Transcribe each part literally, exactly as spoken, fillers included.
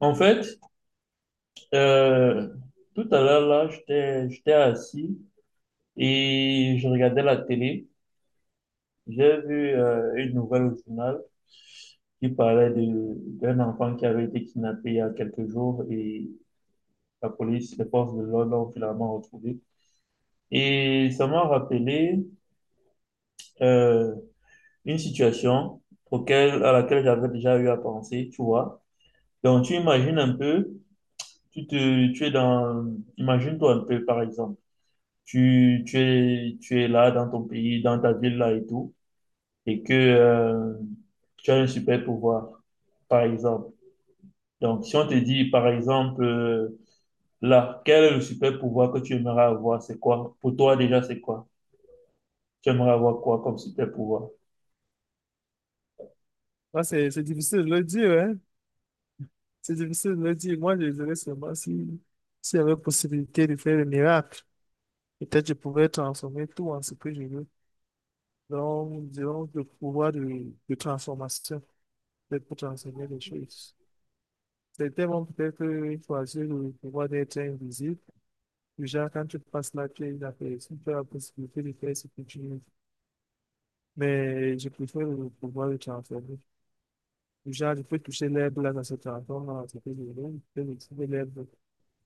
En fait, euh, tout à l'heure, là, j'étais, j'étais assis et je regardais la télé. J'ai vu euh, une nouvelle au journal qui parlait de, d'un enfant qui avait été kidnappé il y a quelques jours et la police, les forces de l'ordre l'ont finalement retrouvé. Et ça m'a rappelé euh, une situation auquel, à laquelle j'avais déjà eu à penser, tu vois. Donc, tu imagines un peu, tu te, tu es dans, imagine-toi un peu, par exemple. tu, tu es, tu es là dans ton pays, dans ta ville là et tout, et que euh, tu as un super pouvoir, par exemple. Donc, si on te dit, par exemple, euh, là, quel est le super pouvoir que tu aimerais avoir, c'est quoi? Pour toi déjà, c'est quoi? Tu aimerais avoir quoi comme super pouvoir? Ah, c'est c'est difficile de le dire, hein? C'est difficile de le dire. Moi, je dirais seulement si, s'il y avait possibilité de faire le miracle, peut-être je pourrais transformer tout en ce que je veux. Donc, disons, le pouvoir de, de transformation, peut-être pour transformer les choses. Certains vont peut-être euh, choisir le pouvoir d'être invisible. Déjà, quand tu passes la pierre, la personne, tu as la possibilité de faire ce que tu veux. Mais je préfère le pouvoir de transformer. Déjà, je peux toucher l'herbe là, dans ce transforme, dans ce que je veux. Je peux toucher l'herbe.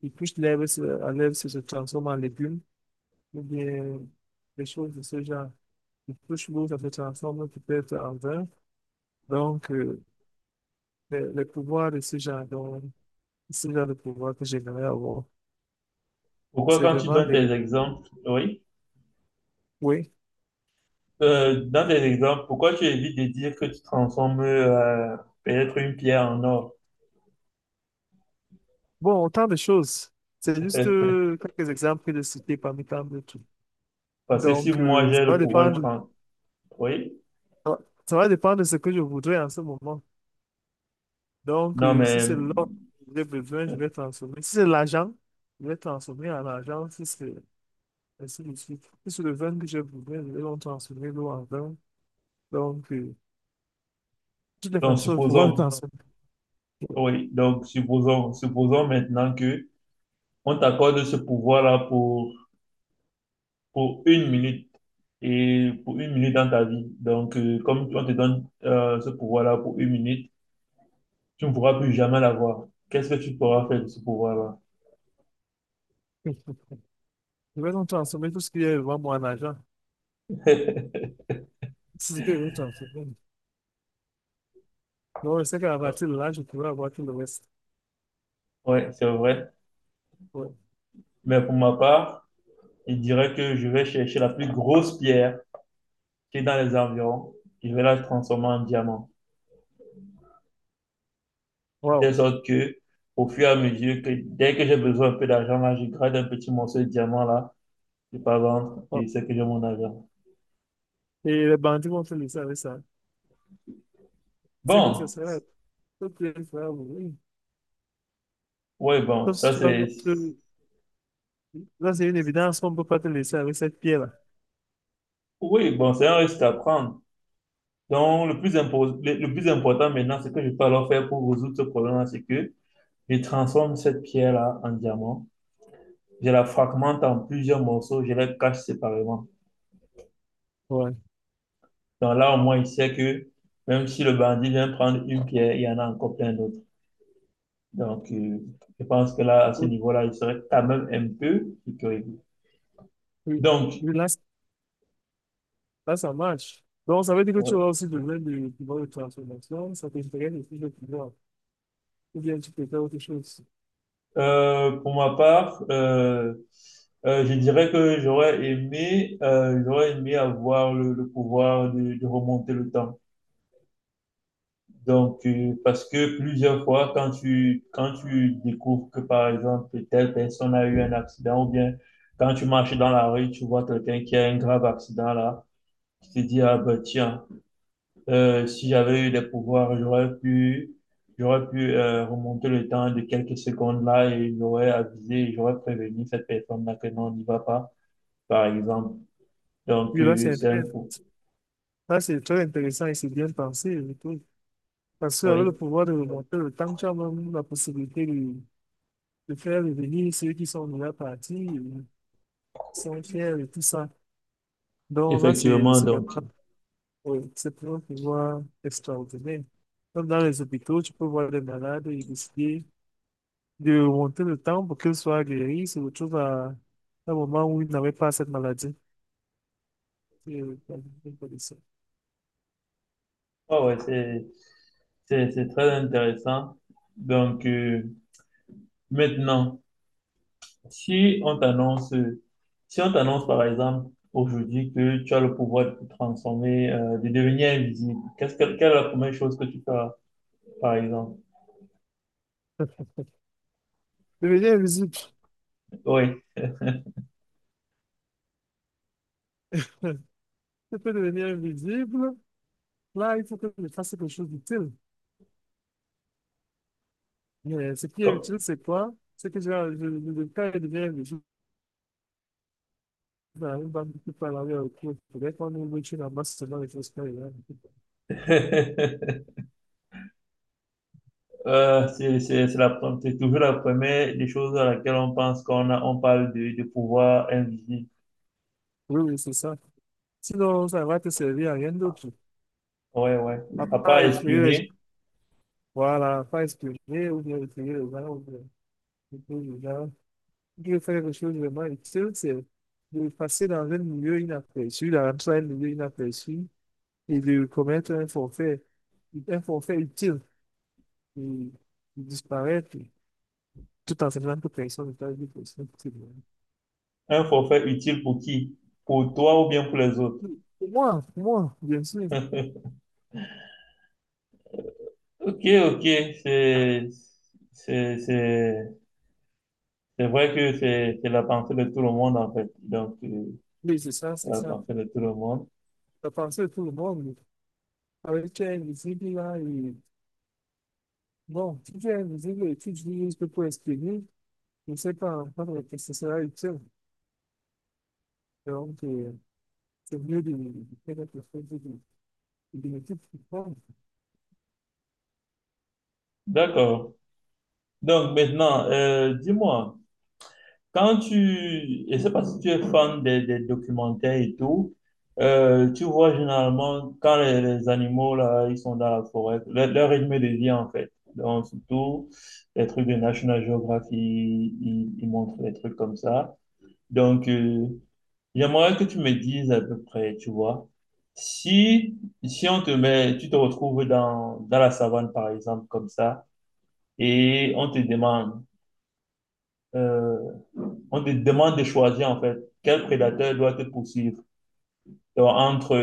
Ils cuisent l'herbe, se- à l'herbe, ça se transforme en légumes, ou bien des choses de ce genre. Ils touchent l'eau, ça se transforme peut-être en vin. Donc, euh, les, les pouvoirs de ce genre, donc, ce genre de pouvoir que j'aimerais avoir, Pourquoi c'est quand tu vraiment donnes des. tes exemples, oui? Oui. Euh, dans des exemples, pourquoi tu évites de dire que tu transformes euh, peut-être une pierre en or? Bon, autant de choses. C'est juste euh, quelques exemples que de citer parmi tant d'autres. Parce que si Donc, moi euh, ça j'ai va le pouvoir de dépendre, transformer, oui, ça va ça va dépendre de ce que je voudrais en ce moment. Donc, non euh, si mais, c'est l'or que j'ai besoin, je vais transformer. Si c'est l'argent, je vais transformer en argent. Si c'est ainsi de suite. Si c'est le vin que j'ai besoin, je vais donc transformer l'eau en vin. Donc, euh, de toutes les donc façons, il faut pouvoir supposons, transformer. oui, donc supposons, supposons maintenant que on t'accorde ce pouvoir-là pour, pour une minute et pour une minute dans ta vie. Donc, euh, comme on te donne euh, ce pouvoir-là pour une minute, tu ne pourras plus jamais l'avoir. Qu'est-ce que tu pourras faire de ce pouvoir-là? Je vais donc transformer tout ce qui est vraiment moi en argent. Si c'est ce que je vais transformer. Donc, je sais qu'à partir de là, je pourrai avoir tout le reste. Oui, c'est vrai. Ouais. Mais pour ma part, il dirait que je vais chercher la plus grosse pierre qui est dans les environs, je vais la transformer en diamant. De Wow. telle sorte que, au fur et à mesure que, dès que j'ai besoin un peu d'argent, là, je grade un petit morceau de diamant, là, je pas vendre, Wow. et c'est que j'ai mon argent. Et les bandits vont faire ça avec ça. C'est que ce Bon, serait tout ce bien faire, oui. ouais, bon, Sauf si ça tu vas c'est, mettre. Là, c'est une évidence qu'on ne peut pas te laisser avec cette pierre-là. oui, bon, c'est un risque à prendre. Donc, le plus, impo- le, le plus important maintenant, c'est que je peux alors faire pour résoudre ce problème-là, c'est que je transforme cette pierre-là en diamant, je la fragmente en plusieurs morceaux, je la cache séparément. Ouais. Donc là, au moins, il sait que même si le bandit vient prendre une pierre, il y en a encore plein d'autres. Donc, euh, je pense que là, à ce Oui, niveau-là, il serait quand même un peu sécurisé. oui. Donc, Oui, là, c-, là, ça marche. Donc, ça veut dire que tu ouais. auras aussi besoin de pouvoir de transformation, ça t'intéresse aussi le pouvoir. Ou bien tu peux faire autre chose. Euh, pour ma part, euh, euh, je dirais que j'aurais aimé, euh, j'aurais aimé avoir le, le pouvoir de, de remonter le temps. Donc, euh, parce que plusieurs fois, quand tu, quand tu découvres que, par exemple, telle personne a eu un accident, ou bien quand tu marches dans la rue, tu vois quelqu'un qui a un grave accident là, tu te dis, ah ben tiens, euh, si j'avais eu des pouvoirs, j'aurais pu, j'aurais pu euh, remonter le temps de quelques secondes là et j'aurais avisé, j'aurais prévenu cette personne-là que non, on n'y va pas, par exemple. Donc, Oui, là, euh, c'est c'est un intéressant. coup. Là, c'est très intéressant et c'est bien pensé, et tout. Parce que avec le Oui, pouvoir de remonter le temps, tu as même la possibilité de, de faire revenir ceux qui sont déjà partis, euh, sont fiers et tout ça. Donc là, c'est effectivement, c'est donc. vraiment-, oui, c'est vraiment un pouvoir extraordinaire. Comme dans les hôpitaux, tu peux voir des malades et décider de remonter le temps pour qu'ils soient guéris, se retrouvent à à un moment où ils n'avaient pas cette maladie. C'est euh, pas de Ah ouais, c'est C'est, c'est très intéressant. Donc, euh, maintenant, si on t'annonce, si on t'annonce par exemple aujourd'hui que tu as le pouvoir de te transformer, euh, de devenir invisible, qu'est-ce que, quelle est la première chose que tu feras, par exemple? devenir invisible. Oui. Tu peux devenir invisible. Là, il faut que tu fasses quelque chose d'utile. Mais ce qui est comme- utile, c'est quoi? C'est que genre, je, le cas de bien je dans une banque qui parle avec le cours. Peut-être qu'on ouvre une ambasse dans les choses qu'il y a. Euh, c'est, c'est, c'est la, pre- c'est toujours la première des choses à laquelle on pense qu'on a, on parle de, de pouvoir invisible. Oui, oui, c'est ça. Sinon, ça va te servir à rien d'autre. Ouais, ouais. À part Après, effrayer les gens. espionner, Voilà, pas espionner ou bien effrayer les gens. Ou bien, effrayer les gens. Si tu veux faire quelque chose de vraiment utile, c'est de passer dans un milieu inaperçu, d'entrer dans un milieu inaperçu et de commettre un forfait, un forfait utile, de, de disparaître, tout en sachant que personne n'est avec personne, c'est vrai. un forfait utile pour qui? Pour toi ou bien pour les autres? Pour moi, pour moi, bien sûr. Ok, ok, c'est, c'est, c'est, c'est vrai que c'est, c'est la pensée de tout le monde, en fait. Donc, euh, Oui, c'est ça, c'est la ça. pensée de tout le monde. La pensée de tout le monde, avec elle, visible là, et bon, si tu es visible et tu dis juste pour exprimer, je ne sais pas encore que ce sera utile. Donc, euh, c'est mieux de de faire quelque chose de de bénéfique pour toi. D'accord. Donc, maintenant, euh, dis-moi, quand tu, je sais pas si tu es fan des, des documentaires et tout, euh, tu vois généralement quand les, les animaux, là, ils sont dans la forêt, leur, leur rythme de vie, en fait. Donc, surtout, les trucs de National Geographic, ils, ils montrent des trucs comme ça. Donc, euh, j'aimerais que tu me dises à peu près, tu vois, si, si on te met, tu te retrouves dans, dans la savane, par exemple, comme ça, et on te demande, euh, on te demande de choisir, en fait, quel prédateur doit te poursuivre. Donc, entre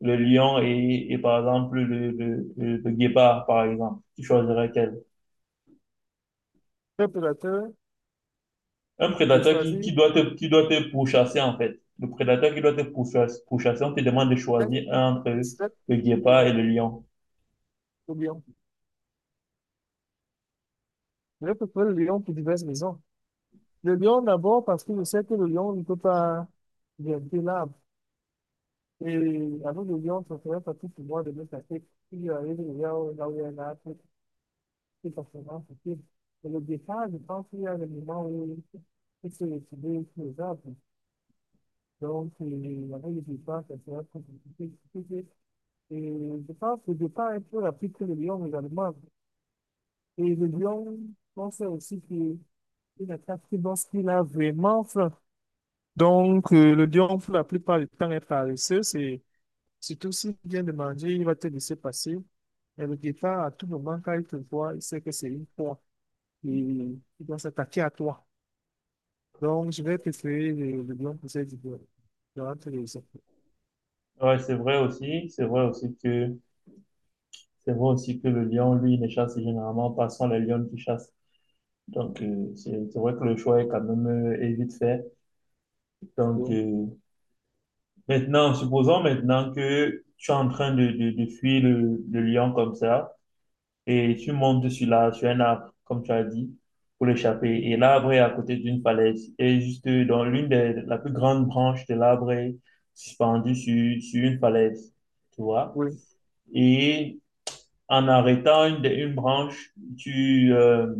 le lion et, et par exemple, le, le, le, le guépard, par exemple, tu choisirais quel? Préparateur, Un je prédateur qui, qui choisis doit te, qui doit te pourchasser, en fait. Le prédateur qui doit te pourchasser, pourchasser, on te demande de choisir quatre, un entre sept, le guépard et lions, le lion. ou lion. Je peux le lion pour diverses raisons. Le lion d'abord parce que je sais que le lion ne peut pas grimper l'arbre. Et avec le lion, ça serait facile pour moi de me casser. Si j'arrive là où là où il y a un arbre, c'est forcément facile. Mais le départ, je pense qu'il y a des moments où il se retrouve sur les arbres. Donc, euh, avec le départ, ça serait plus compliqué. Et je pense que le départ est plus rapide que le lion également. Et le lion, on sait aussi qu'il il attaque lorsqu'il a vraiment faim. Donc, euh, le lion, pour la plupart du temps, est paresseux. C'est surtout s'il vient de manger, il va te laisser passer. Et le guépard, à tout moment, quand il te voit, il sait que c'est une proie. Et il doit s'attaquer à toi. Donc, je vais préférer le, le lion pour cette idée. Je rentre les autres. Ouais, c'est vrai aussi, c'est vrai aussi que c'est vrai aussi que le lion, lui, ne chasse généralement pas, ce sont les lions qui chassent. Donc, euh, c'est c'est vrai que le choix est quand même euh, est vite fait. Donc, Donc, euh, maintenant, supposons maintenant que tu es en train de, de, de fuir le, le lion comme ça et tu montes sur la, sur un arbre, comme tu as dit, pour l'échapper. Et l'arbre est à côté d'une falaise et juste dans l'une des, la plus grande branche de l'arbre est suspendue sur, sur une falaise, tu vois. oui. Et en arrêtant une, une branche, tu, euh,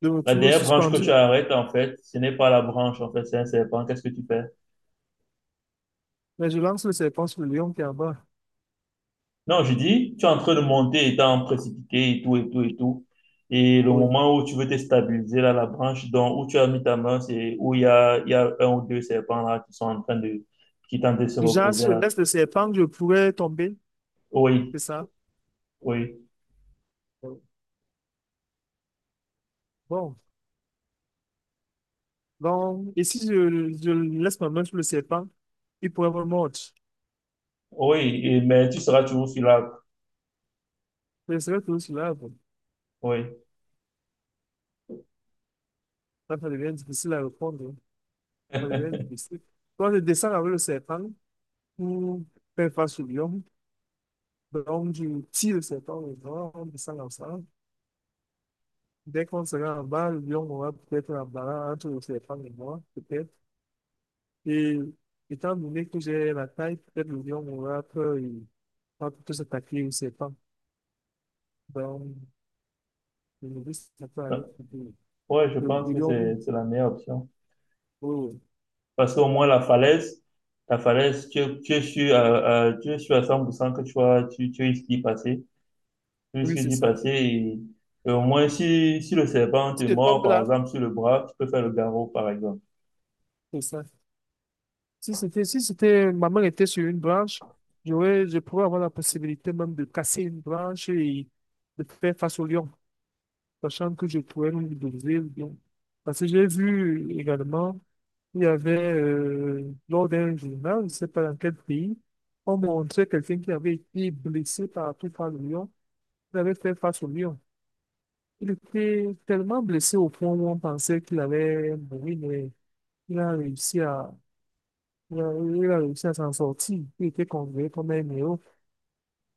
Je me la trouve dernière branche que tu suspendu. arrêtes, en fait, ce n'est pas la branche, en fait, c'est un serpent. Qu'est-ce que tu fais? Mais je lance le serpent sur le lion qui est en bas. Non, je dis, tu es en train de monter étant précipité et tout, et tout, et tout. Et le Oui. moment où tu veux te stabiliser, là, la branche dont, où tu as mis ta main, c'est où il y a, il y a un ou deux serpents, là, qui sont en train de, qui tentent de se Du genre, reposer, si je là. laisse le serpent, je pourrais tomber. Oui, C'est ça? oui, Oui. Bon. Donc, et si je, je laisse ma main sur le serpent, il pourrait me mordre. oui, et- mais tu seras toujours sur l'arbre. Mais c'est vrai que sur l'arbre, Oui. ça ça devient difficile à répondre, hein. Ça devient difficile. Toi, tu descends avec le serpent pour faire face au lion. Donc, tu tires le serpent et moi, on descend ensemble. Dès qu'on sera en bas, le lion aura peut-être un barrage entre le serpent et moi, peut-être. Et étant donné que j'ai la taille, peut-être le lion aura peur et va plutôt s'attaquer au serpent. Donc, le novice, ça peut aller plus vite. Ouais, je Le pense le que lion, c'est, c'est la meilleure option. oui, oui, Parce qu'au moins, la falaise, la falaise, tu, es- tu es sûr, à- à- tu es sûr à cent pour cent que tu vas, tu, tu risques d'y passer. Tu oui, risques c'est d'y ça. passer et, et au moins, si, si le serpent te Si tu mord, tombes par là, exemple, sur le bras, tu peux faire le garrot, par exemple. c'est ça. Si c'était, si c'était, ma main était sur une branche, j'aurais, je pourrais avoir la possibilité même de casser une branche et de faire face au lion, sachant que je pourrais lui briser le lion. Parce que j'ai vu également, il y avait, euh, lors d'un journal, je ne sais pas dans quel pays, on montrait quelqu'un qui avait été blessé partout par le lion, il avait fait face au lion. Il était tellement blessé au point où on pensait qu'il allait mourir, mais il a réussi. Euh, Il a réussi à s'en sortir. Il était considéré comme un héros.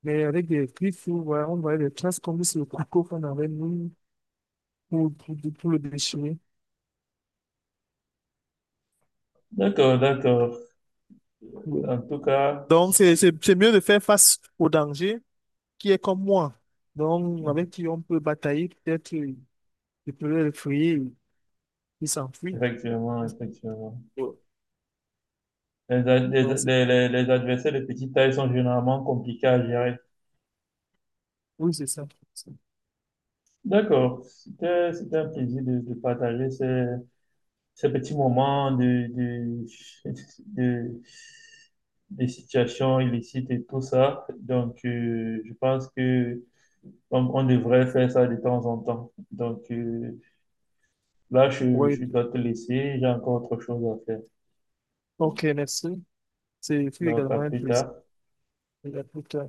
Mais avec des griffes, on voyait, on voyait des traces comme sur le couteau qu'on avait mis pour, pour, pour le déchirer. D'accord, d'accord. Ouais. En tout cas, Donc, c'est c'est- c'est mieux de faire face au danger qui est comme moi. Donc, avec qui on peut batailler, peut-être, euh, je peux le frayer, il s'enfuit. effectivement, effectivement. Ouais. Les, a- les, Donc, c'est-, les, les les adversaires de petite taille sont généralement compliqués à gérer. oui, c'est ça. D'accord. C'était, c'était un plaisir de, de partager ces, ces petits moments de, de, de, de situations illicites et tout ça. Donc, euh, je pense que on, on devrait faire ça de temps en temps. Donc, euh, là, je, Oui. je dois te laisser, j'ai encore autre chose à faire. OK, merci. C'est fut Donc, à également un plus plaisir. tard. Et à plus tard.